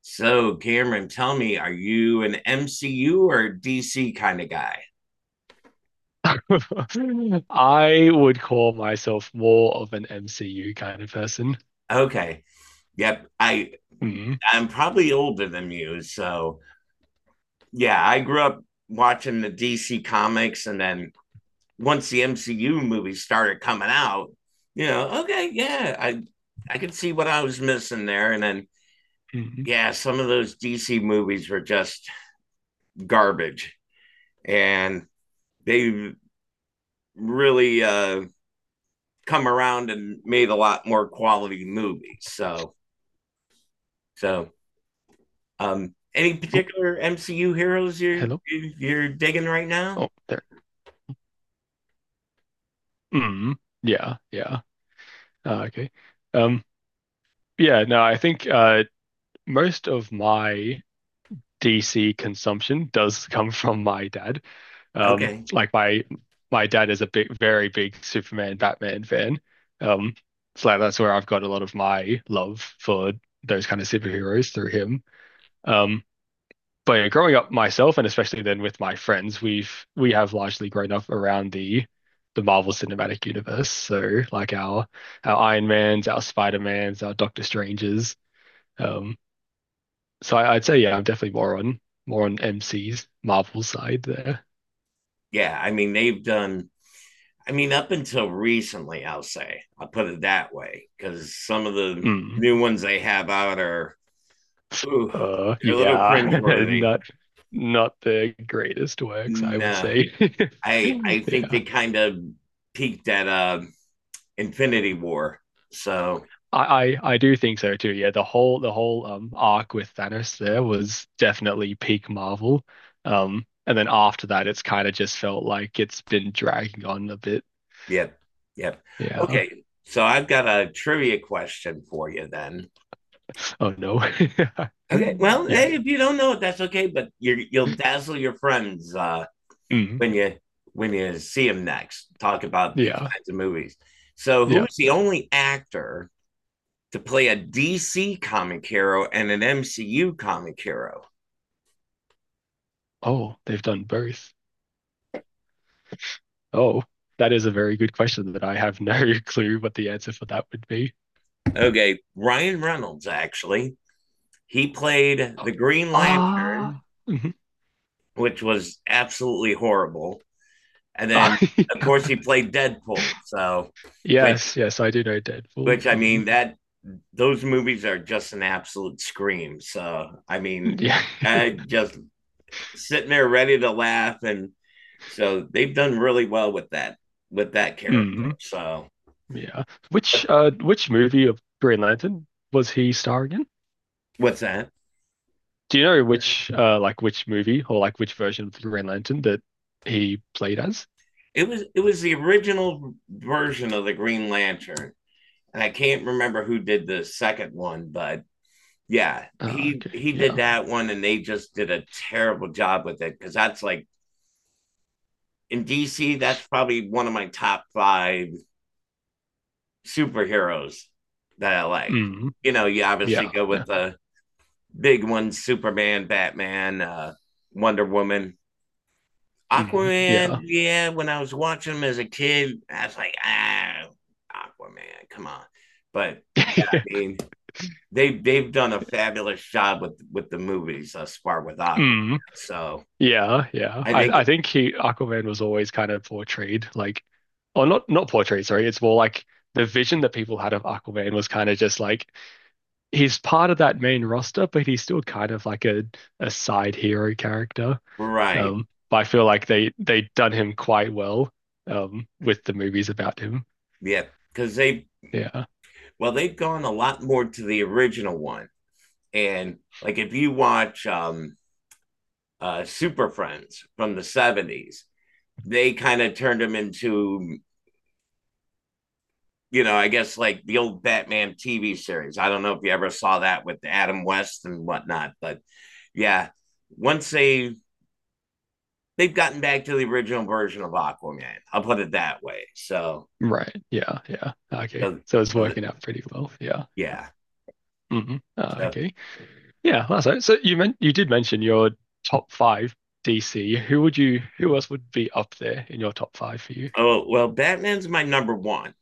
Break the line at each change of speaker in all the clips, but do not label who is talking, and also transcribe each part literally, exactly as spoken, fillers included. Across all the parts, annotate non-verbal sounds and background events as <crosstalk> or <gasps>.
So, Cameron, tell me, are you an M C U or D C kind of guy?
<laughs> I would call myself more of an M C U kind of person.
Okay. Yep. I
Mm,
I'm probably older than you, so yeah, I grew up watching the D C comics, and then once the M C U movies started coming out, you know, okay, yeah, I I could see what I was missing there. And then
mm.
yeah, some of those D C movies were just garbage, and they really uh come around and made a lot more quality movies. So, so um, any
Oh,
particular M C U heroes you're
hello.
you're digging right now?
Oh, there. Mm, yeah, yeah. Ah, okay. Um, yeah, no, I think uh most of my D C consumption does <laughs> come from my dad. Um,
Okay,
like my my dad is a big, very big Superman, Batman fan. Um, so like that's where I've got a lot of my love for those kind of superheroes through him. Um, but yeah, growing up myself and especially then with my friends, we've we have largely grown up around the the Marvel Cinematic Universe, so like our our Iron Mans, our Spider-Mans, our Doctor Strangers, um so I, I'd say yeah, I'm definitely more on more on M C's Marvel side there.
yeah, I mean they've done. I mean up until recently, I'll say I'll put it that way because some of the
Mm.
new ones they have out are, ooh,
uh
they're a little
yeah <laughs>
cringeworthy.
not not the greatest works I would
No,
say. <laughs>
I I think
Yeah,
they kind of peaked at uh, Infinity War. So.
I, I I do think so too. Yeah, the whole the whole um arc with Thanos there was definitely peak Marvel. Um, and then after that, it's kind of just felt like it's been dragging on a bit.
Yep. Yep.
Yeah.
Okay. So I've got a trivia question for you then.
Oh no. <laughs>
Okay. Well,
Yes.
hey, if you don't know it, that's okay. But you you'll dazzle your friends, uh,
Mhm.
when you when you see them next. Talk about these
Yeah.
kinds of movies. So,
Yeah.
who is the
Yeah.
only actor to play a D C comic hero and an M C U comic hero?
Oh, they've done both. Oh, that is a very good question that I have no <laughs> clue what the answer for that would be.
Okay, Ryan Reynolds, actually. He played
<gasps>
the Green
Ah.
Lantern,
Mhm.
which was absolutely horrible. And then, of
<laughs>
course, he played Deadpool. So, which,
Yes. Yes, I do know Deadpool.
which I
Mhm.
mean, that those movies are just an absolute scream. So, I mean,
Yeah.
I just sitting there ready to laugh, and so they've done really well with that with that
<laughs>
character.
Mhm.
So,
Yeah. Which uh which movie of Green Lantern was he starring in?
what's that?
Do you know? Yeah, which uh like which movie or like which version of the Green Lantern that he played as?
It was it was the original version of the Green Lantern, and I can't remember who did the second one, but yeah,
Uh,
he
okay.
he did
Yeah.
that one, and they just did a terrible job with it because that's like in D C, that's probably one of my top five superheroes that I like.
Mm.
You know, you obviously
Yeah.
go
Yeah.
with the big ones: Superman, Batman, uh, Wonder Woman.
Mm.
Aquaman,
Yeah.
yeah, when I was watching him as a kid, I was like, ah, Aquaman, come on. But yeah, I
<laughs>
mean, they've they've done a fabulous job with with the movies thus far with Aqua.
Mm.
So
Yeah. Yeah.
I
I I
think,
think he Aquaman was always kind of portrayed like, or not not portrayed, sorry. It's more like the vision that people had of Aquaman was kind of just like he's part of that main roster, but he's still kind of like a a side hero character.
right,
Um, but I feel like they they done him quite well um with the movies about him.
yeah, because they
Yeah.
well, they've gone a lot more to the original one. And like, if you watch um, uh, Super Friends from the seventies, they kind of turned him into, you know, I guess, like the old Batman T V series. I don't know if you ever saw that with Adam West and whatnot, but yeah, once they they've gotten back to the original version of Aquaman, I'll put it that way. So,
Right. Yeah. Yeah. Okay.
so,
So it's
so
working out pretty well. Yeah.
yeah.
Hmm. Uh,
So,
okay. Yeah. That's it. So you meant you did mention your top five D C. Who would you? Who else would be up there in your top five for you?
oh well, Batman's my number one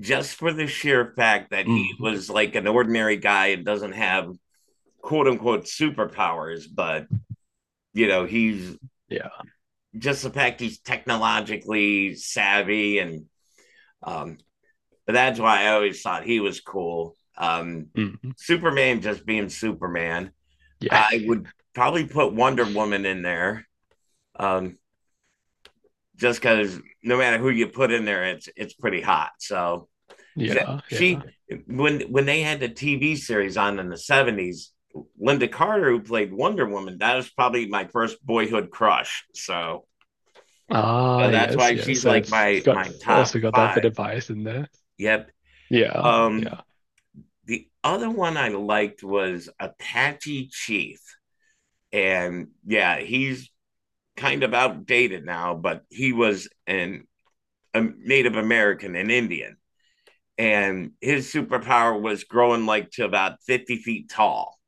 just for the sheer fact that he
Mm.
was like an ordinary guy and doesn't have, quote unquote, superpowers, but you know, he's
Yeah.
just the fact he's technologically savvy, and um but that's why I always thought he was cool. Um
Mm.
Superman just being Superman.
Yeah.
I
<laughs>
would probably put Wonder Woman in there. Um just because no matter who you put in there, it's it's pretty hot. So
Yeah. Yeah.
she when when they had the T V series on in the seventies, Linda Carter, who played Wonder Woman, that was probably my first boyhood crush. So,
Ah.
so that's
Yes.
why
Yes.
she's
So
like
it's
my
got
my top
also got that bit
five.
of bias in there.
Yep.
Yeah.
Um,
Yeah.
the other one I liked was Apache Chief, and yeah, he's kind of outdated now, but he was an a Native American, an Indian, and his superpower was growing like to about fifty feet tall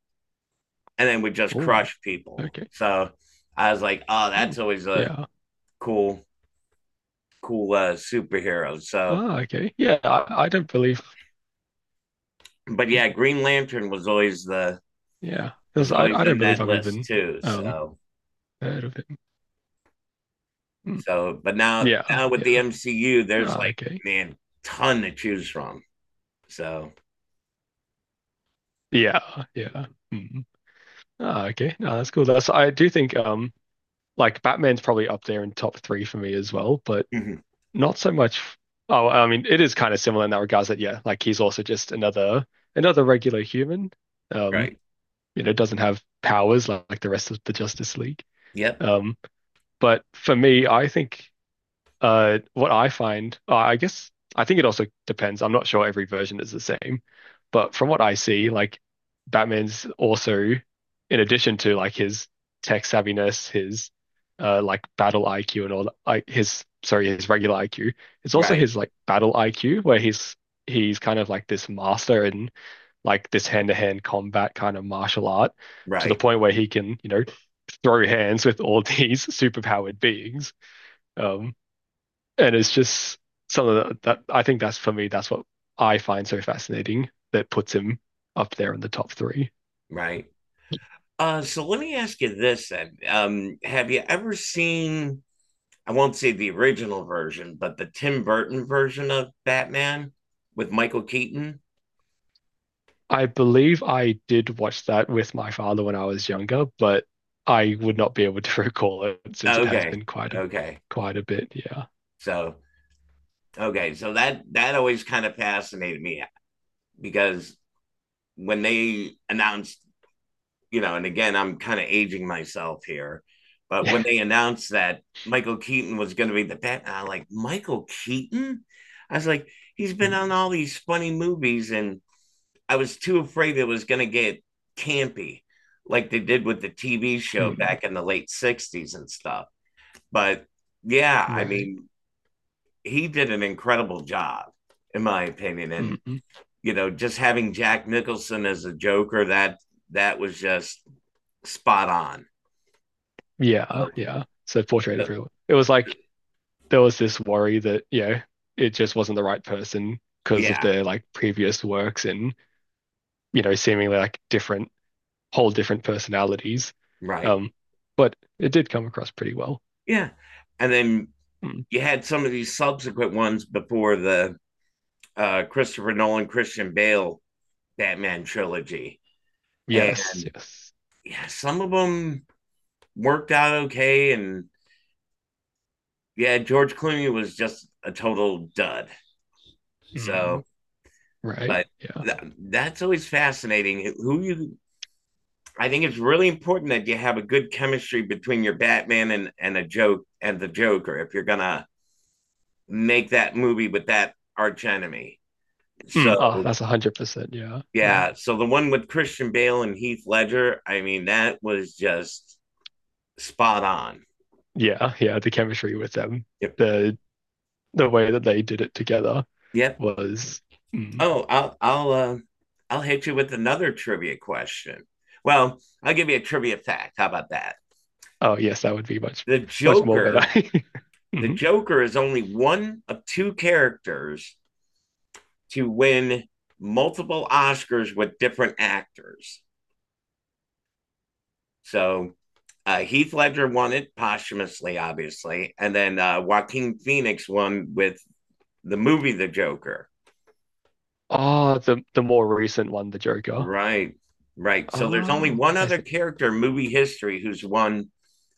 and then would just
Oh.
crush people.
Okay.
So I was like, oh, that's
Mm.
always a
Yeah.
cool, cool uh, superhero. So,
Oh, okay. Yeah, I, I don't believe.
but
Mm,
yeah, Green Lantern was always the
yeah,
was
because I,
always
I don't
in
believe
that
I've
list
even
too.
um
So,
heard of him. Mm,
so, but now
yeah,
now with the
yeah.
M C U, there's,
Oh,
like,
okay.
man, ton to choose from. So,
Yeah, yeah. Mm. Oh, okay. No, that's cool. That's I do think um like Batman's probably up there in top three for me as well, but
<laughs>
not so much. Oh, I mean, it is kind of similar in that regards that yeah, like he's also just another another regular human. Um,
right,
you know, doesn't have powers like, like the rest of the Justice League.
yep,
Um, but for me, I think. Uh, what I find, uh, I guess, I think it also depends. I'm not sure every version is the same, but from what I see, like Batman's also, in addition to like his tech savviness, his uh like battle I Q and all that, like his, sorry, his regular I Q, it's also
right,
his like battle I Q where he's he's kind of like this master in like this hand-to-hand combat kind of martial art to the
right,
point where he can, you know, throw hands with all these <laughs> superpowered beings. Um, and it's just something that, that I think that's for me, that's what I find so fascinating that puts him up there in the top three.
right. Uh, so let me ask you this then: um, have you ever seen, I won't say the original version, but the Tim Burton version of Batman with Michael Keaton.
I believe I did watch that with my father when I was younger, but I would not be able to <laughs> recall it since it has
Okay.
been quite a
Okay.
quite a bit. Yeah.
So, okay. So that, that always kind of fascinated me because when they announced, you know, and again, I'm kind of aging myself here, but
Yeah.
when they announced that Michael Keaton was going to be the Batman, I'm like, Michael Keaton? I was like, he's been on
<laughs>
all these funny movies, and I was too afraid it was going to get campy, like they did with the T V show
Mm, mm,
back in the late sixties and stuff. But yeah, I
right.
mean, he did an incredible job, in my opinion. And
Mm, mm.
you know, just having Jack Nicholson as a Joker, that that was just spot on. So,
Yeah. Yeah. So Portrait of
but
a It was like there was this worry that, you know, it just wasn't the right person because of
yeah,
their like previous works and, you know, seemingly like different, whole different personalities.
right,
Um, but it did come across pretty well.
yeah. And then
Mm.
you had some of these subsequent ones before the uh, Christopher Nolan, Christian Bale Batman trilogy, and
Yes, yes.
some of them worked out okay. And yeah, George Clooney was just a total dud. So,
Mm. Right.
but
Yeah.
th- that's always fascinating. Who you, I think it's really important that you have a good chemistry between your Batman and, and a joke and the Joker if you're going to make that movie with that arch enemy.
Mm. Ah,
So,
that's a hundred percent. Yeah. Yeah.
yeah. So the one with Christian Bale and Heath Ledger, I mean, that was just spot on.
Yeah. Yeah. The chemistry with them,
Yep.
the the way that they did it together
Yep.
was. Mm.
Oh, I'll I'll uh, I'll hit you with another trivia question. Well, I'll give you a trivia fact. How about that?
Oh yes, that would be much,
The
much more better.
Joker,
<laughs>
the
Hmm.
Joker is only one of two characters to win multiple Oscars with different actors. So uh, Heath Ledger won it posthumously, obviously, and then uh, Joaquin Phoenix won with the movie The Joker.
Oh, the the more recent one, the Joker.
Right, right. So there's only
Oh,
one
I
other
see.
character in movie history, who's won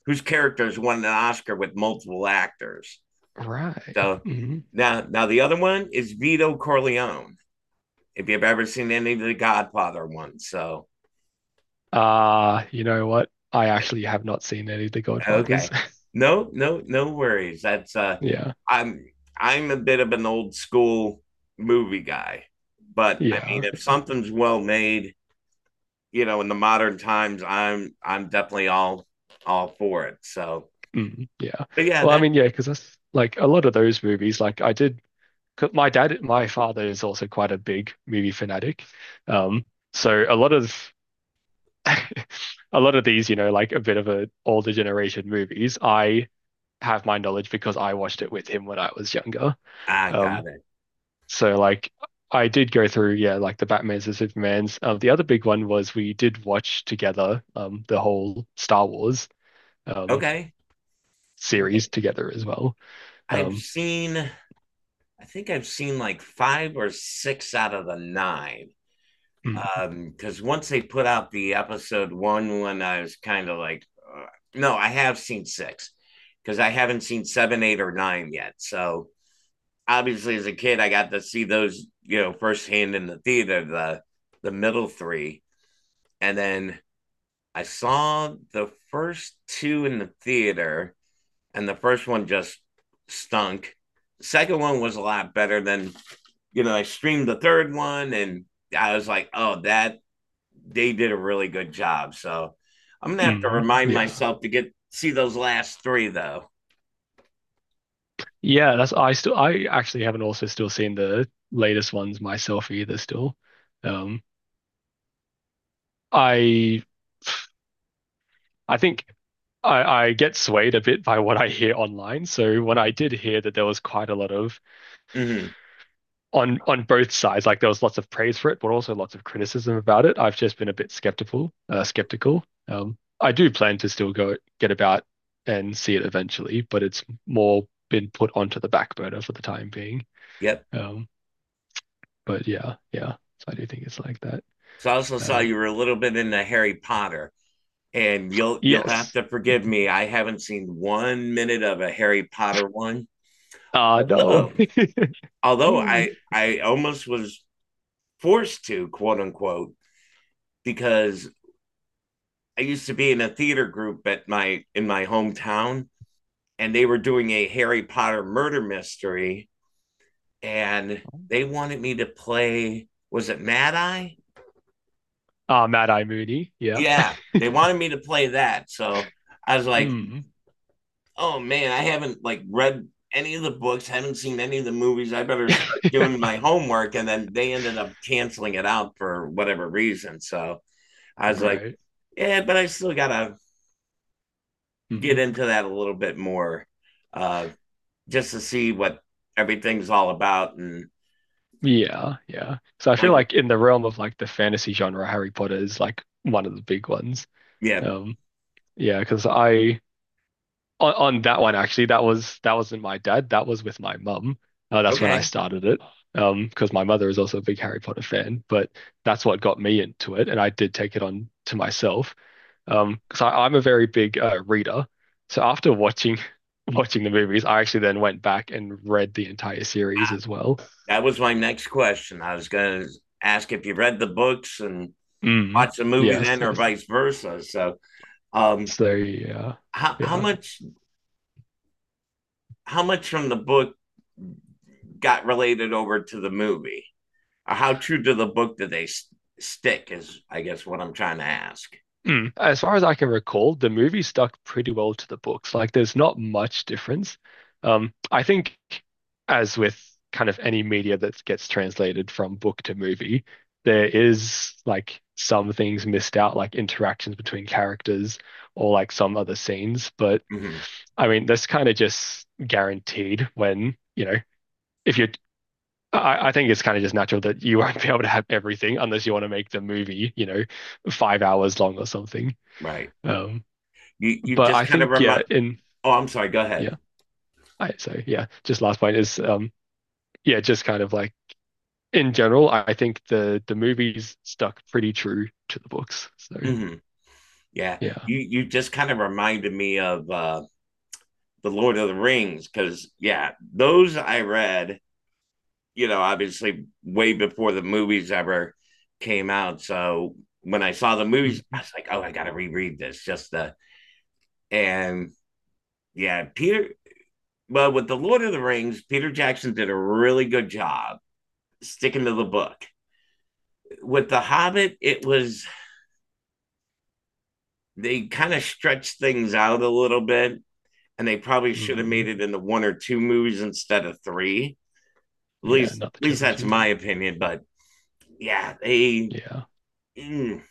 whose characters won an Oscar with multiple actors.
Right.
So
Hmm.
now, now the other one is Vito Corleone. If you've ever seen any of the Godfather ones, so
Uh, you know what? I actually have not seen any of the Godfathers.
okay,
<laughs>
no, no, no worries. That's uh,
Yeah.
I'm I'm a bit of an old school movie guy, but I
Yeah.
mean, if
Yeah.
something's well made, you know, in the modern times, I'm I'm definitely all all for it. So,
Mm, yeah.
but yeah,
Well, I
that.
mean, yeah, because that's like a lot of those movies. Like I did, 'cause my dad, my father is also quite a big movie fanatic. Um, so a lot of <laughs> a lot of these, you know, like a bit of a older generation movies, I have my knowledge because I watched it with him when I was younger.
I got
Um,
it.
So like I did go through, yeah, like the Batmans and Supermans. Um, the other big one was we did watch together um the whole Star Wars um
Okay,
series
okay.
together as well.
I've
Um,
seen I think I've seen like five or six out of the nine.
mm,
Um, Because once they put out the episode one, when I was kind of like, uh, no, I have seen six because I haven't seen seven, eight, or nine yet. So obviously, as a kid, I got to see those, you know, firsthand in the theater, the the middle three, and then I saw the first two in the theater, and the first one just stunk. The second one was a lot better than, you know, I streamed the third one, and I was like, oh, that they did a really good job. So I'm gonna have to
mm,
remind
yeah.
myself to get see those last three though.
Yeah, that's I still I actually haven't also still seen the latest ones myself either still. Um, I I think I, I get swayed a bit by what I hear online. So when I did hear that there was quite a lot of
Mm-hmm.
on on both sides. Like there was lots of praise for it, but also lots of criticism about it. I've just been a bit skeptical. Uh, skeptical. Um, I do plan to still go get about and see it eventually, but it's more been put onto the back burner for the time being.
Yep.
Um, but yeah, yeah. So I do think it's like that.
So I also saw
Um,
you were a little bit into Harry Potter, and you'll you'll have
yes.
to forgive me, I haven't seen one minute of a Harry Potter one,
Ah, uh, no.
although although I I almost was forced to, quote unquote, because I used to be in a theater group at my in my hometown, and they were doing a Harry Potter murder mystery, and they wanted me to play. Was it Mad Eye?
Ah, <laughs> uh, Mad Eye Mooney. Yeah.
Yeah, they wanted me to play that. So I was like,
Mm.
oh man, I haven't like read any of the books, haven't seen any of the movies. I better
<laughs>
start
Yeah.
doing my homework. And then they ended up canceling it out for whatever reason. So I was like,
Right.
yeah, but I still got to get
Mm.
into that a little bit more, uh, just to see what everything's all about. And
Yeah, yeah. So I feel
like,
like in the realm of like the fantasy genre, Harry Potter is like one of the big ones.
yeah,
Um, yeah, because I on, on that one actually, that was that wasn't my dad, that was with my mum. Uh, that's when I
okay,
started it. Um, because my mother is also a big Harry Potter fan, but that's what got me into it, and I did take it on to myself. Um, because I, I'm a very big uh, reader, so after watching <laughs> watching the movies, I actually then went back and read the entire series
I,
as well.
that was my next question. I was going to ask if you read the books and
Mm,
watched the movie
yes,
then, or
yes.
vice versa. So, um,
So yeah,
how how
yeah.
much how much from the book got related over to the movie? Or how true to the book did they s- stick? Is, I guess, what I'm trying to ask.
Mm. As far as I can recall, the movie stuck pretty well to the books. Like there's not much difference. Um, I think as with kind of any media that gets translated from book to movie, there is like some things missed out, like interactions between characters or like some other scenes. But
Hmm.
I mean, that's kind of just guaranteed when, you know, if you're I, I think it's kind of just natural that you won't <laughs> be able to have everything unless you want to make the movie, you know, five hours long or something.
Right.
Um,
You you
but
just
I
kind of
think yeah,
remind.
in
Oh, I'm sorry. Go ahead.
yeah, I so yeah, just last point is um yeah, just kind of like in general, I think the the movies stuck pretty true to the books. So
Hmm. Yeah.
yeah,
You you just kind of reminded me of uh, the Lord of the Rings because yeah, those I read, you know, obviously way before the movies ever came out. So when I saw the movies, I
mm
was like, oh, I got to reread this, just the and yeah, Peter. Well, with the Lord of the Rings, Peter Jackson did a really good job sticking to the book. With the Hobbit, it was they kind of stretched things out a little bit, and they probably should have made
mm
it into one or two movies instead of three. At
yeah,
least,
not the
at least that's
trilogy.
my opinion. But yeah, they
Yeah,
mm,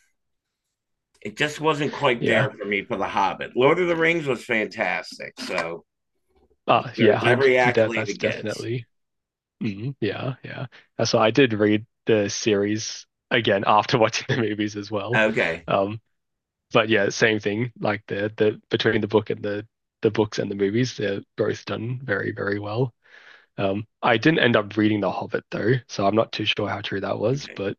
it just wasn't quite there
yeah,
for me for The Hobbit. Lord of the Rings was fantastic, so
uh, yeah,
there's
hundred
every
that
accolade
that's
it gets.
definitely. Hmm. Yeah, yeah. Uh, So I did read the series again after <laughs> watching the movies as well.
Okay,
Um, but yeah, same thing. Like the the between the book and the the books and the movies, they're both done very, very well. Um, I didn't end up reading The Hobbit though, so I'm not too sure how true that was.
okay,
But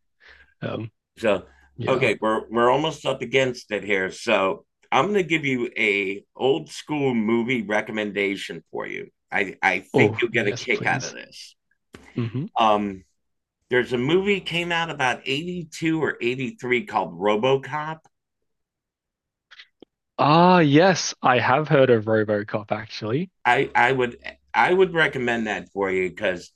um,
so
yeah.
okay, we're we're almost up against it here, so I'm gonna give you a old school movie recommendation for you. I I think
Oh,
you'll get a
yes,
kick out of
please.
this.
Hmm.
Um, there's a movie came out about eighty-two or eighty-three called RoboCop.
Ah, yes, I have heard of RoboCop actually.
I I would I would recommend that for you because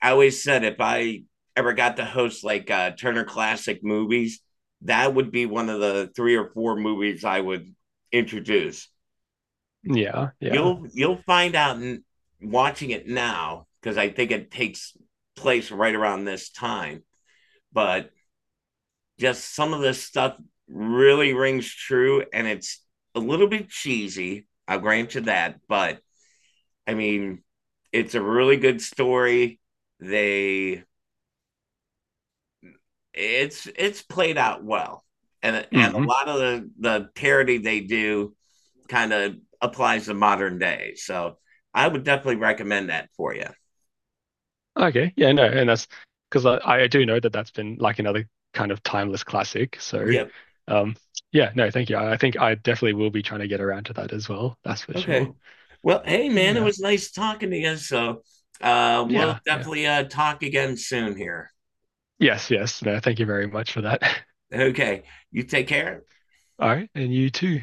I always said if I ever got to host, like, uh, Turner Classic Movies, that would be one of the three or four movies I would introduce.
Yeah, yeah.
You'll you'll find out, in, watching it now, because I think it takes place right around this time. But just some of this stuff really rings true, and it's a little bit cheesy. I'll grant you that, but I mean, it's a really good story. They it's it's played out well, and and a
Mm.
lot of the the parody they do kind of applies to modern day. So I would definitely recommend that for you.
Okay, yeah, no, and that's because I, I do know that that's been like another kind of timeless classic. So,
Yep.
um, yeah, no, thank you. I, I think I definitely will be trying to get around to that as well. That's for sure.
Okay. Well, hey man, it
Yeah,
was nice talking to you. So uh, we'll
yeah, yeah.
definitely uh, talk again soon here.
Yes, yes. No, thank you very much for that. <laughs>
Okay. You take care.
All right, and you too.